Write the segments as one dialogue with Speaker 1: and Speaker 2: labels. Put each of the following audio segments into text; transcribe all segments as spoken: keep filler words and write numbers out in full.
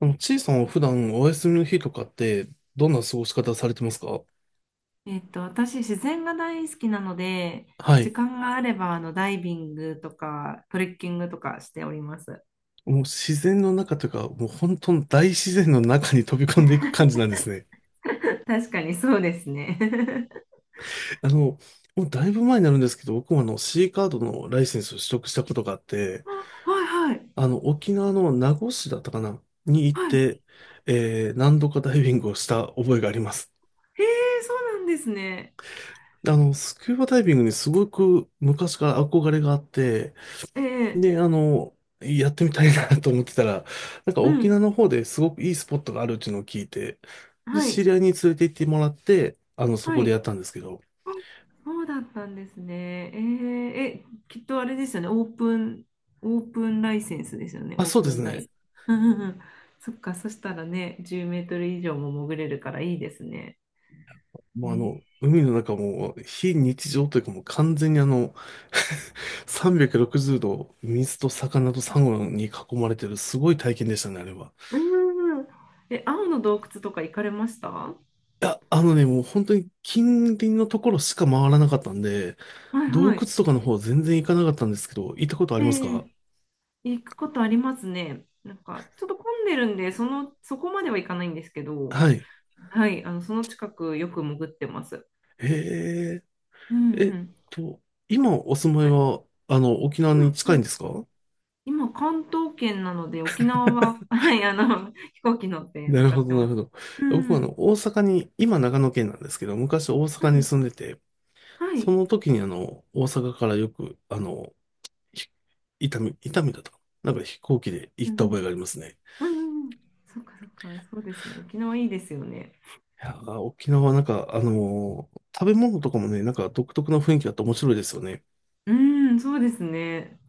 Speaker 1: あの、ちいさんは普段お休みの日とかって、どんな過ごし方されてますか？
Speaker 2: えっと、私、自然が大好きなので、
Speaker 1: は
Speaker 2: 時
Speaker 1: い。
Speaker 2: 間があれば、あの、ダイビングとか、トレッキングとかしております。
Speaker 1: もう自然の中というか、もう本当の大自然の中に飛び込んでいく感じなんですね。
Speaker 2: 確かにそうですね。
Speaker 1: あの、もうだいぶ前になるんですけど、僕もあの シーカードのライセンスを取得したことがあって、
Speaker 2: あ、はいはい。
Speaker 1: あの、沖縄の名護市だったかなに行っ
Speaker 2: はい。
Speaker 1: て、えー、何度かダイビングをした覚えがあります。
Speaker 2: へえ、そうなんですね。
Speaker 1: あの、スキューバダイビングにすごく昔から憧れがあって、
Speaker 2: ええ、
Speaker 1: で、あの、やってみたいな と思ってたら、なんか
Speaker 2: う
Speaker 1: 沖
Speaker 2: ん。
Speaker 1: 縄の方ですごくいいスポットがあるっていうのを聞いて、で、
Speaker 2: は
Speaker 1: 知
Speaker 2: い。
Speaker 1: り合いに連れて行ってもらって、あの、そ
Speaker 2: は
Speaker 1: こでやっ
Speaker 2: い。
Speaker 1: たんですけど、
Speaker 2: あ、そうだったんですね。ええ、え、きっとあれですよね。オープン、オープンライセンスですよね。
Speaker 1: あ、
Speaker 2: オー
Speaker 1: そうで
Speaker 2: プ
Speaker 1: す
Speaker 2: ンダ
Speaker 1: ね。
Speaker 2: イ。うんうんうん。そっか、そしたらね、じゅうメートル以上も潜れるからいいですね。
Speaker 1: もうあの、
Speaker 2: え、
Speaker 1: 海の中も非日常というかもう完全にあのさんびゃくろくじゅうど 水と魚とサンゴに囲まれてるすごい体験でしたね、あれは。
Speaker 2: うーん。え、青の洞窟とか行かれました？は
Speaker 1: いや、あのね、もう本当に近隣のところしか回らなかったんで、
Speaker 2: い
Speaker 1: 洞窟
Speaker 2: はい。
Speaker 1: とかの方全然行かなかったんですけど、行ったことあり
Speaker 2: え
Speaker 1: ますか？
Speaker 2: え、行くことありますね。なんか、ちょっと混んでるんで、その、そこまでは行かないんですけど、
Speaker 1: はい。
Speaker 2: はい、あの、その近くよく潜ってます。
Speaker 1: へえ、
Speaker 2: うん
Speaker 1: え
Speaker 2: う
Speaker 1: っ
Speaker 2: ん。
Speaker 1: と、今お住まいは、あの、沖縄
Speaker 2: 今、
Speaker 1: に
Speaker 2: う
Speaker 1: 近いん
Speaker 2: ん
Speaker 1: ですか？
Speaker 2: 今関東圏なので、沖縄は、はい、あの、飛行機乗って
Speaker 1: な
Speaker 2: 向
Speaker 1: る
Speaker 2: か
Speaker 1: ほ
Speaker 2: って
Speaker 1: ど、なる
Speaker 2: ま
Speaker 1: ほ
Speaker 2: す。
Speaker 1: ど。
Speaker 2: う
Speaker 1: 僕はあ
Speaker 2: ん。
Speaker 1: の、大阪に、今長野県なんですけど、昔大阪
Speaker 2: は
Speaker 1: に
Speaker 2: い、
Speaker 1: 住んでて、
Speaker 2: は
Speaker 1: そ
Speaker 2: い。
Speaker 1: の時にあの、大阪からよく、あの、ひ伊丹、伊丹だったかななんか飛行機で行
Speaker 2: う
Speaker 1: っ
Speaker 2: ん
Speaker 1: た
Speaker 2: う
Speaker 1: 覚え
Speaker 2: ん。
Speaker 1: がありますね。
Speaker 2: うんうんうん。そっかそっか、そうですね。沖縄いいですよね。
Speaker 1: いやー、沖縄はなんか、あのー食べ物とかもね、なんか独特な雰囲気があって面白いですよね。
Speaker 2: うん、そうですね。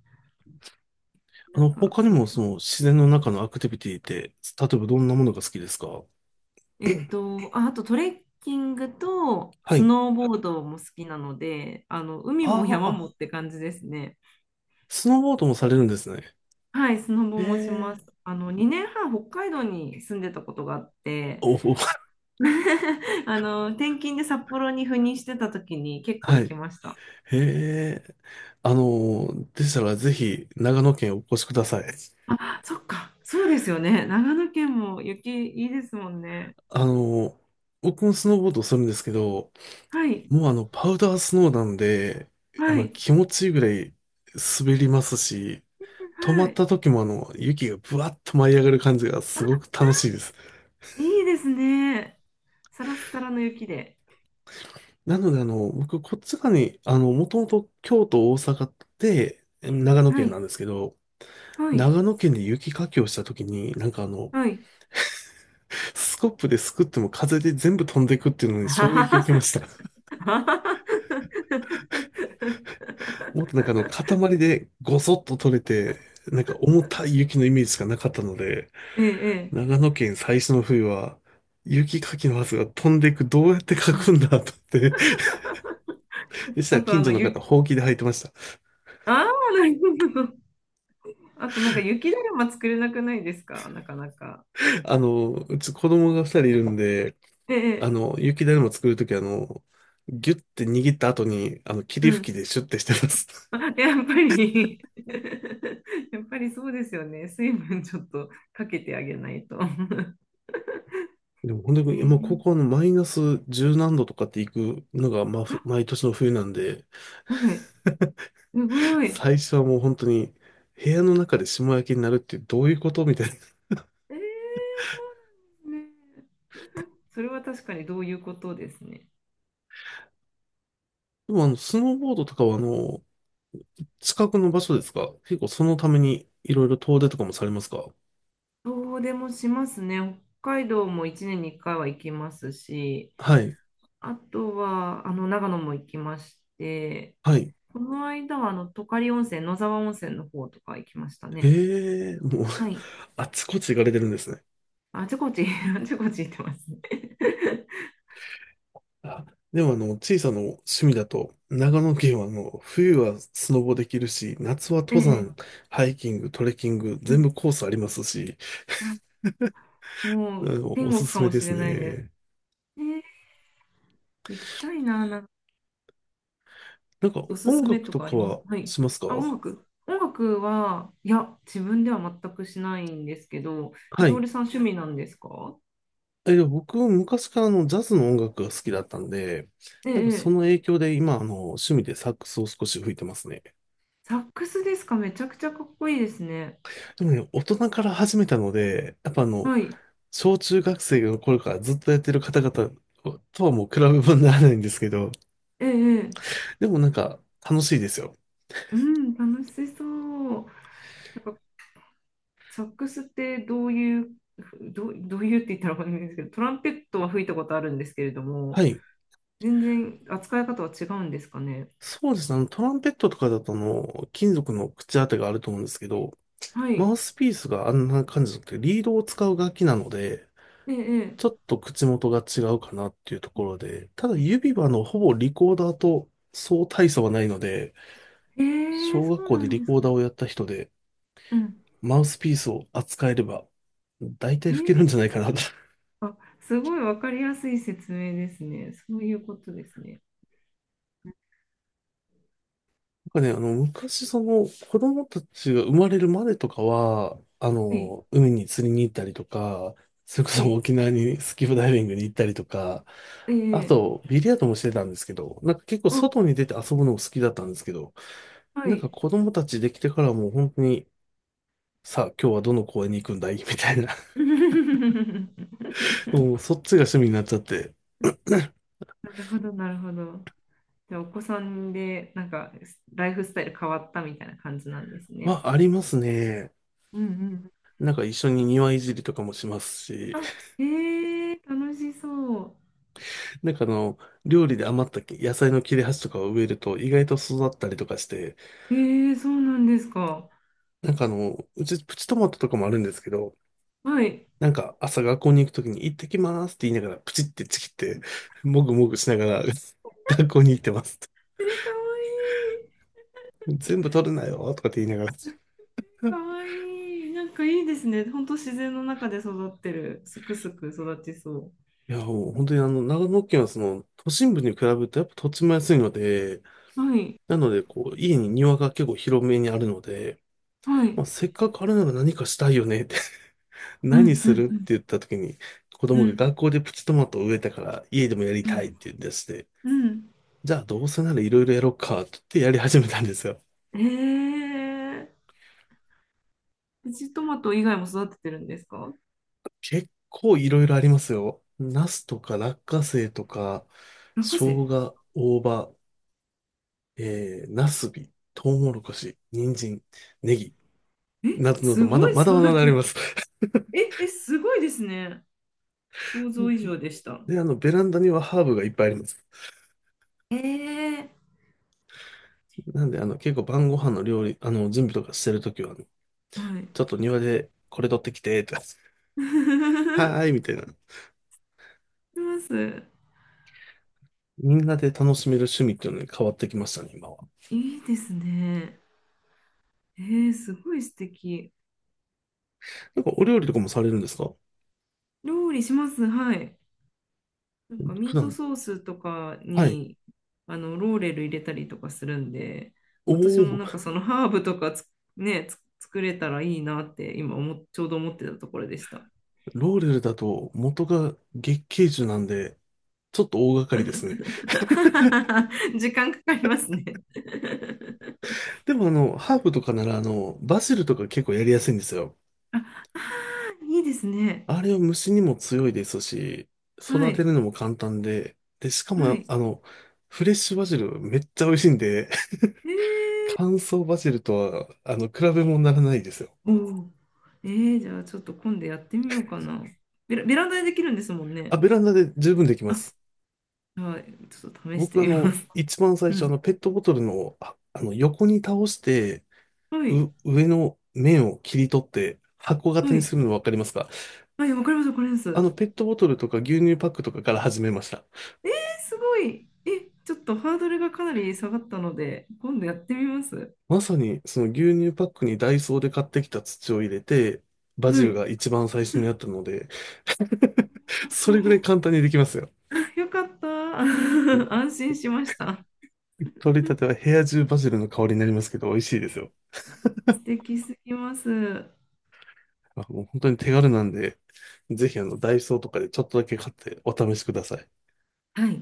Speaker 1: あ
Speaker 2: なん
Speaker 1: の、
Speaker 2: か、
Speaker 1: 他に
Speaker 2: そう。
Speaker 1: もその自然の中のアクティビティって、例えばどんなものが好きですか？
Speaker 2: えっと、あ、あとトレッキングと
Speaker 1: は
Speaker 2: ス
Speaker 1: い。
Speaker 2: ノーボードも好きなので、あの、海も
Speaker 1: あ
Speaker 2: 山
Speaker 1: あ、
Speaker 2: もって感じですね。
Speaker 1: スノーボードもされるんですね。
Speaker 2: はい、スノ
Speaker 1: へ
Speaker 2: ボもし
Speaker 1: え。
Speaker 2: ます。あの、にねんはん北海道に住んでたことがあって、
Speaker 1: おお、
Speaker 2: あの、転勤で札幌に赴任してた時に結構
Speaker 1: は
Speaker 2: 行き
Speaker 1: い。
Speaker 2: ました。
Speaker 1: へえ。あの、でしたらぜひ長野県お越しください。
Speaker 2: あ、そっか、そうですよね。長野県も雪いいですもんね。
Speaker 1: あの、僕もスノーボードをするんですけど、
Speaker 2: はい、
Speaker 1: もうあの、パウダースノーなんで、あ
Speaker 2: は
Speaker 1: の、
Speaker 2: い、
Speaker 1: 気持ちいいぐらい滑りますし、止ま
Speaker 2: は
Speaker 1: っ
Speaker 2: い。
Speaker 1: た時もあの、雪がブワッと舞い上がる感じがすご
Speaker 2: あ、
Speaker 1: く楽しいです。
Speaker 2: いいですね。サラッサラの雪で。
Speaker 1: なのであの、僕、こっち側に、あの、もともと京都、大阪って、長野
Speaker 2: は
Speaker 1: 県
Speaker 2: い、
Speaker 1: なんですけど、
Speaker 2: はい、
Speaker 1: 長野県で雪かきをしたときに、なんかあの、
Speaker 2: はい。
Speaker 1: スコップですくっても風で全部飛んでいくっていうのに衝撃を受けました。もっとなんかあの、塊でごそっと取れて、なんか重たい雪のイメージしかなかったので、
Speaker 2: ええ、ええ。
Speaker 1: 長野県最初の冬は、雪かきのはずが飛んでいく、どうやってかくんだと思って、でした
Speaker 2: あ
Speaker 1: ら
Speaker 2: と、あ
Speaker 1: 近所
Speaker 2: の、
Speaker 1: の方、
Speaker 2: ゆ、
Speaker 1: ほうきで履いてました。
Speaker 2: ああ、なるほど。あと、なんか、雪だるま作れなくないですか？なかなか。
Speaker 1: あの、うち子供がふたりいるんで、
Speaker 2: ええ、
Speaker 1: あの、雪だるま作るときあの、ギュッて握った後に、あの、
Speaker 2: う
Speaker 1: 霧
Speaker 2: ん。
Speaker 1: 吹きでシュッてしてます。
Speaker 2: あ、やっぱり やっぱりそうですよね。水分ちょっとかけてあげないと。
Speaker 1: でも、本当 に、まあ、高校
Speaker 2: ええ、
Speaker 1: のマイナス十何度とかって行くのが、まあ、ふ毎年の冬なんで、
Speaker 2: はい、すごい。え
Speaker 1: 最初はもう本当に、部屋の中で霜焼きになるってどういうことみたいな。
Speaker 2: ーそうなんですね。それは確かにどういうことですね。
Speaker 1: でも、あの、スノーボードとかは、あの、近くの場所ですか？結構そのために、いろいろ遠出とかもされますか？
Speaker 2: 遠出もしますね。北海道もいちねんにいっかいは行きますし、
Speaker 1: はい。
Speaker 2: あとはあの長野も行きまして、
Speaker 1: はい。
Speaker 2: この間はあの十刈温泉、野沢温泉の方とか行きましたね。
Speaker 1: ええもう、
Speaker 2: はい。
Speaker 1: あっちこっち行かれてるんですね。
Speaker 2: あちこち、あちこち行ってますね。
Speaker 1: あ、でもあの、小さな趣味だと、長野県はあの、冬はスノボできるし、夏は
Speaker 2: え
Speaker 1: 登山、
Speaker 2: え、
Speaker 1: ハイキング、トレッキング、
Speaker 2: う
Speaker 1: 全
Speaker 2: ん、
Speaker 1: 部コースありますし、
Speaker 2: あ、
Speaker 1: あ
Speaker 2: もう
Speaker 1: の、
Speaker 2: 天
Speaker 1: おす
Speaker 2: 国か
Speaker 1: すめ
Speaker 2: も
Speaker 1: で
Speaker 2: し
Speaker 1: す
Speaker 2: れないです。
Speaker 1: ね。
Speaker 2: ええ、行きたいな、なんか
Speaker 1: なんか
Speaker 2: おす
Speaker 1: 音
Speaker 2: すめ
Speaker 1: 楽
Speaker 2: と
Speaker 1: と
Speaker 2: かあ
Speaker 1: か
Speaker 2: ります？
Speaker 1: は
Speaker 2: はい。
Speaker 1: します
Speaker 2: あ、
Speaker 1: か？
Speaker 2: 音楽音楽は、いや、自分では全くしないんですけど、え、
Speaker 1: は
Speaker 2: 徹
Speaker 1: い。
Speaker 2: さん趣味なんですか？
Speaker 1: え、でも僕、昔からあのジャズの音楽が好きだったんで、
Speaker 2: え
Speaker 1: なんかそ
Speaker 2: え、え
Speaker 1: の
Speaker 2: え、
Speaker 1: 影響で今、あの、趣味でサックスを少し吹いてますね。
Speaker 2: サックスですか？めちゃくちゃかっこいいですね。
Speaker 1: でもね、大人から始めたので、やっぱあの、
Speaker 2: はい。
Speaker 1: 小中学生の頃からずっとやってる方々とはもう比べ物にならないんですけど、
Speaker 2: ええ、ええ、
Speaker 1: でもなんか楽しいですよ。
Speaker 2: うん、楽しそう。なんか、サックスってどういう、どう、どういうって言ったらわかんないんですけど、トランペットは吹いたことあるんですけれど
Speaker 1: は
Speaker 2: も、
Speaker 1: い。
Speaker 2: 全然扱い方は違うんですかね。
Speaker 1: そうですね。あの、トランペットとかだとあの、金属の口当てがあると思うんですけど、
Speaker 2: は
Speaker 1: マ
Speaker 2: い。
Speaker 1: ウスピースがあんな感じじゃなくて、リードを使う楽器なので、
Speaker 2: ええ、
Speaker 1: ちょっと口元が違うかなっていうところで、ただ指はあの、ほぼリコーダーとそう大差はないので、
Speaker 2: ええ、ええ、
Speaker 1: 小学
Speaker 2: そう
Speaker 1: 校
Speaker 2: な
Speaker 1: で
Speaker 2: ん
Speaker 1: リ
Speaker 2: で
Speaker 1: コ
Speaker 2: す
Speaker 1: ーダー
Speaker 2: か。
Speaker 1: をやった人で、
Speaker 2: うん。
Speaker 1: マウスピースを扱えれば、大体
Speaker 2: え
Speaker 1: 吹けるんじゃな
Speaker 2: え、
Speaker 1: いかなと。
Speaker 2: あ、すごいわかりやすい説明ですね。そういうことですね。
Speaker 1: なんかね、あの、昔、その、子供たちが生まれるまでとかは、あ
Speaker 2: はい。
Speaker 1: の、海に釣りに行ったりとか、それこ
Speaker 2: は
Speaker 1: そ
Speaker 2: い。
Speaker 1: 沖縄にスキューバダイビングに行ったりとか、
Speaker 2: え
Speaker 1: あ
Speaker 2: え、
Speaker 1: と、ビリヤードもしてたんですけど、なんか結構
Speaker 2: あ、
Speaker 1: 外に出て遊ぶのも好きだったんですけど、
Speaker 2: は
Speaker 1: なんか
Speaker 2: い。
Speaker 1: 子供たちできてからはもう本当に、さあ、今日はどの公園に行くんだい みたいな、もうそっちが趣味になっちゃって、
Speaker 2: なるほど、なるほど。じゃあ、お子さんで、なんか、ライフスタイル変わったみたいな感じなんです
Speaker 1: ま
Speaker 2: ね。
Speaker 1: あ、ありますね。
Speaker 2: うんうん。
Speaker 1: なんか一緒に庭いじりとかもしますし、
Speaker 2: あ、えー、楽しそ
Speaker 1: なんかあの、料理で余った野菜の切れ端とかを植えると意外と育ったりとかして、
Speaker 2: う。えー、そうなんですか。
Speaker 1: なんかあの、うちプチトマトとかもあるんですけど、
Speaker 2: はい。え
Speaker 1: なんか朝学校に行くときに行ってきますって言いながらプチってちぎって、もぐもぐしながら 学校に行ってます。
Speaker 2: ー、かわい
Speaker 1: 全部取るなよとかって言いながら。い
Speaker 2: い。かわいい。なんかいいですね。ほんと自然の中で育ってる。すくすく育ちそ
Speaker 1: や、もう本当にあの、長野県はその都心部に比べるとやっぱ土地も安いので、
Speaker 2: う。はい。
Speaker 1: なのでこう、家に庭が結構広めにあるので、
Speaker 2: はい。
Speaker 1: まあ、せっかくあるなら何かしたいよねって
Speaker 2: う
Speaker 1: 何
Speaker 2: んう
Speaker 1: す
Speaker 2: ん
Speaker 1: るっ
Speaker 2: うん。
Speaker 1: て言った時に、子
Speaker 2: う
Speaker 1: 供が
Speaker 2: ん。
Speaker 1: 学校でプチトマトを植えたから家でもやり
Speaker 2: う
Speaker 1: たいっ
Speaker 2: ん。
Speaker 1: て言い出して、
Speaker 2: うん。
Speaker 1: じゃあどうせならいろいろやろうかって言ってやり始めたんですよ。
Speaker 2: えー、プチトマト以外も育ててるんですか？
Speaker 1: 結構いろいろありますよ。ナスとか落花生とか、
Speaker 2: 落
Speaker 1: 生
Speaker 2: 花生、
Speaker 1: 姜、大葉、えー、ナスビ、トウモロコシ、人参、ネギ、
Speaker 2: え、
Speaker 1: などなど、
Speaker 2: す
Speaker 1: まだ、
Speaker 2: ごい
Speaker 1: まだま
Speaker 2: 育
Speaker 1: だあ
Speaker 2: て、
Speaker 1: ります。
Speaker 2: え、え、すごいですね。想
Speaker 1: う
Speaker 2: 像
Speaker 1: ん。
Speaker 2: 以上でした。
Speaker 1: で、あの、ベランダにはハーブがいっぱいあります。
Speaker 2: えー、
Speaker 1: なんで、あの、結構晩ご飯の料理、あの、準備とかしてるときは、あの
Speaker 2: はい。
Speaker 1: ちょっと庭でこれ取ってきて、とか はーい、みたいな。
Speaker 2: します。
Speaker 1: みんなで楽しめる趣味っていうのに変わってきましたね、今は。
Speaker 2: いいですね。えー、すごい素敵。
Speaker 1: なんかお料理とかもされるんですか？
Speaker 2: 料理します。はい。なんか
Speaker 1: 普
Speaker 2: ミート
Speaker 1: 段。
Speaker 2: ソースとか
Speaker 1: はい。
Speaker 2: にあのローレル入れたりとかするんで、
Speaker 1: お
Speaker 2: 私もなんか
Speaker 1: ー、
Speaker 2: そのハーブとかつね、つ作れたらいいなって今思っちょうど思ってたところでした。
Speaker 1: ローレルだと元が月桂樹なんで、ちょっと大掛かりですね。
Speaker 2: 時間かかりますね。
Speaker 1: でもあの、ハーブとかならあの、バジルとか結構やりやすいんですよ。
Speaker 2: いいですね。
Speaker 1: あれは虫にも強いですし、
Speaker 2: は
Speaker 1: 育て
Speaker 2: い。
Speaker 1: るのも簡単で、で、しか
Speaker 2: は
Speaker 1: も
Speaker 2: い。
Speaker 1: あの、フレッシュバジルめっちゃ美味しいんで、
Speaker 2: え、
Speaker 1: 乾燥バジルとは、あの、比べ物にならないですよ。
Speaker 2: おお。えー、じゃあちょっと今度やってみようかな。ベラ、ベランダでできるんですもん
Speaker 1: あ、
Speaker 2: ね。
Speaker 1: ベランダで十分できま
Speaker 2: あ、
Speaker 1: す。
Speaker 2: はい。ちょっと試して
Speaker 1: 僕あ
Speaker 2: みま
Speaker 1: の、
Speaker 2: す。
Speaker 1: 一番最初あの、ペットボトルの、あ、あの、横に倒して、
Speaker 2: うん。はい。
Speaker 1: う、上の面を切り取って、箱型
Speaker 2: は
Speaker 1: に
Speaker 2: い。
Speaker 1: するのわかりますか？
Speaker 2: はい、わかります、わかります。
Speaker 1: あの、
Speaker 2: え
Speaker 1: ペットボトルとか牛乳パックとかから始めました。
Speaker 2: ー、すごい。え、ちょっとハードルがかなり下がったので、今度やってみます。
Speaker 1: まさに、その牛乳パックにダイソーで買ってきた土を入れて、バジ
Speaker 2: は
Speaker 1: ル
Speaker 2: い。
Speaker 1: が一番最初にあったので、それぐらい 簡単にできますよ。
Speaker 2: あ、よかった。
Speaker 1: もう
Speaker 2: 安心しました。
Speaker 1: 取りたては部屋中バジルの香りになりますけど、美味しいですよ。
Speaker 2: 素敵すぎます。は
Speaker 1: あ、もう本当に手軽なんで、ぜひあの、ダイソーとかでちょっとだけ買ってお試しください。
Speaker 2: い。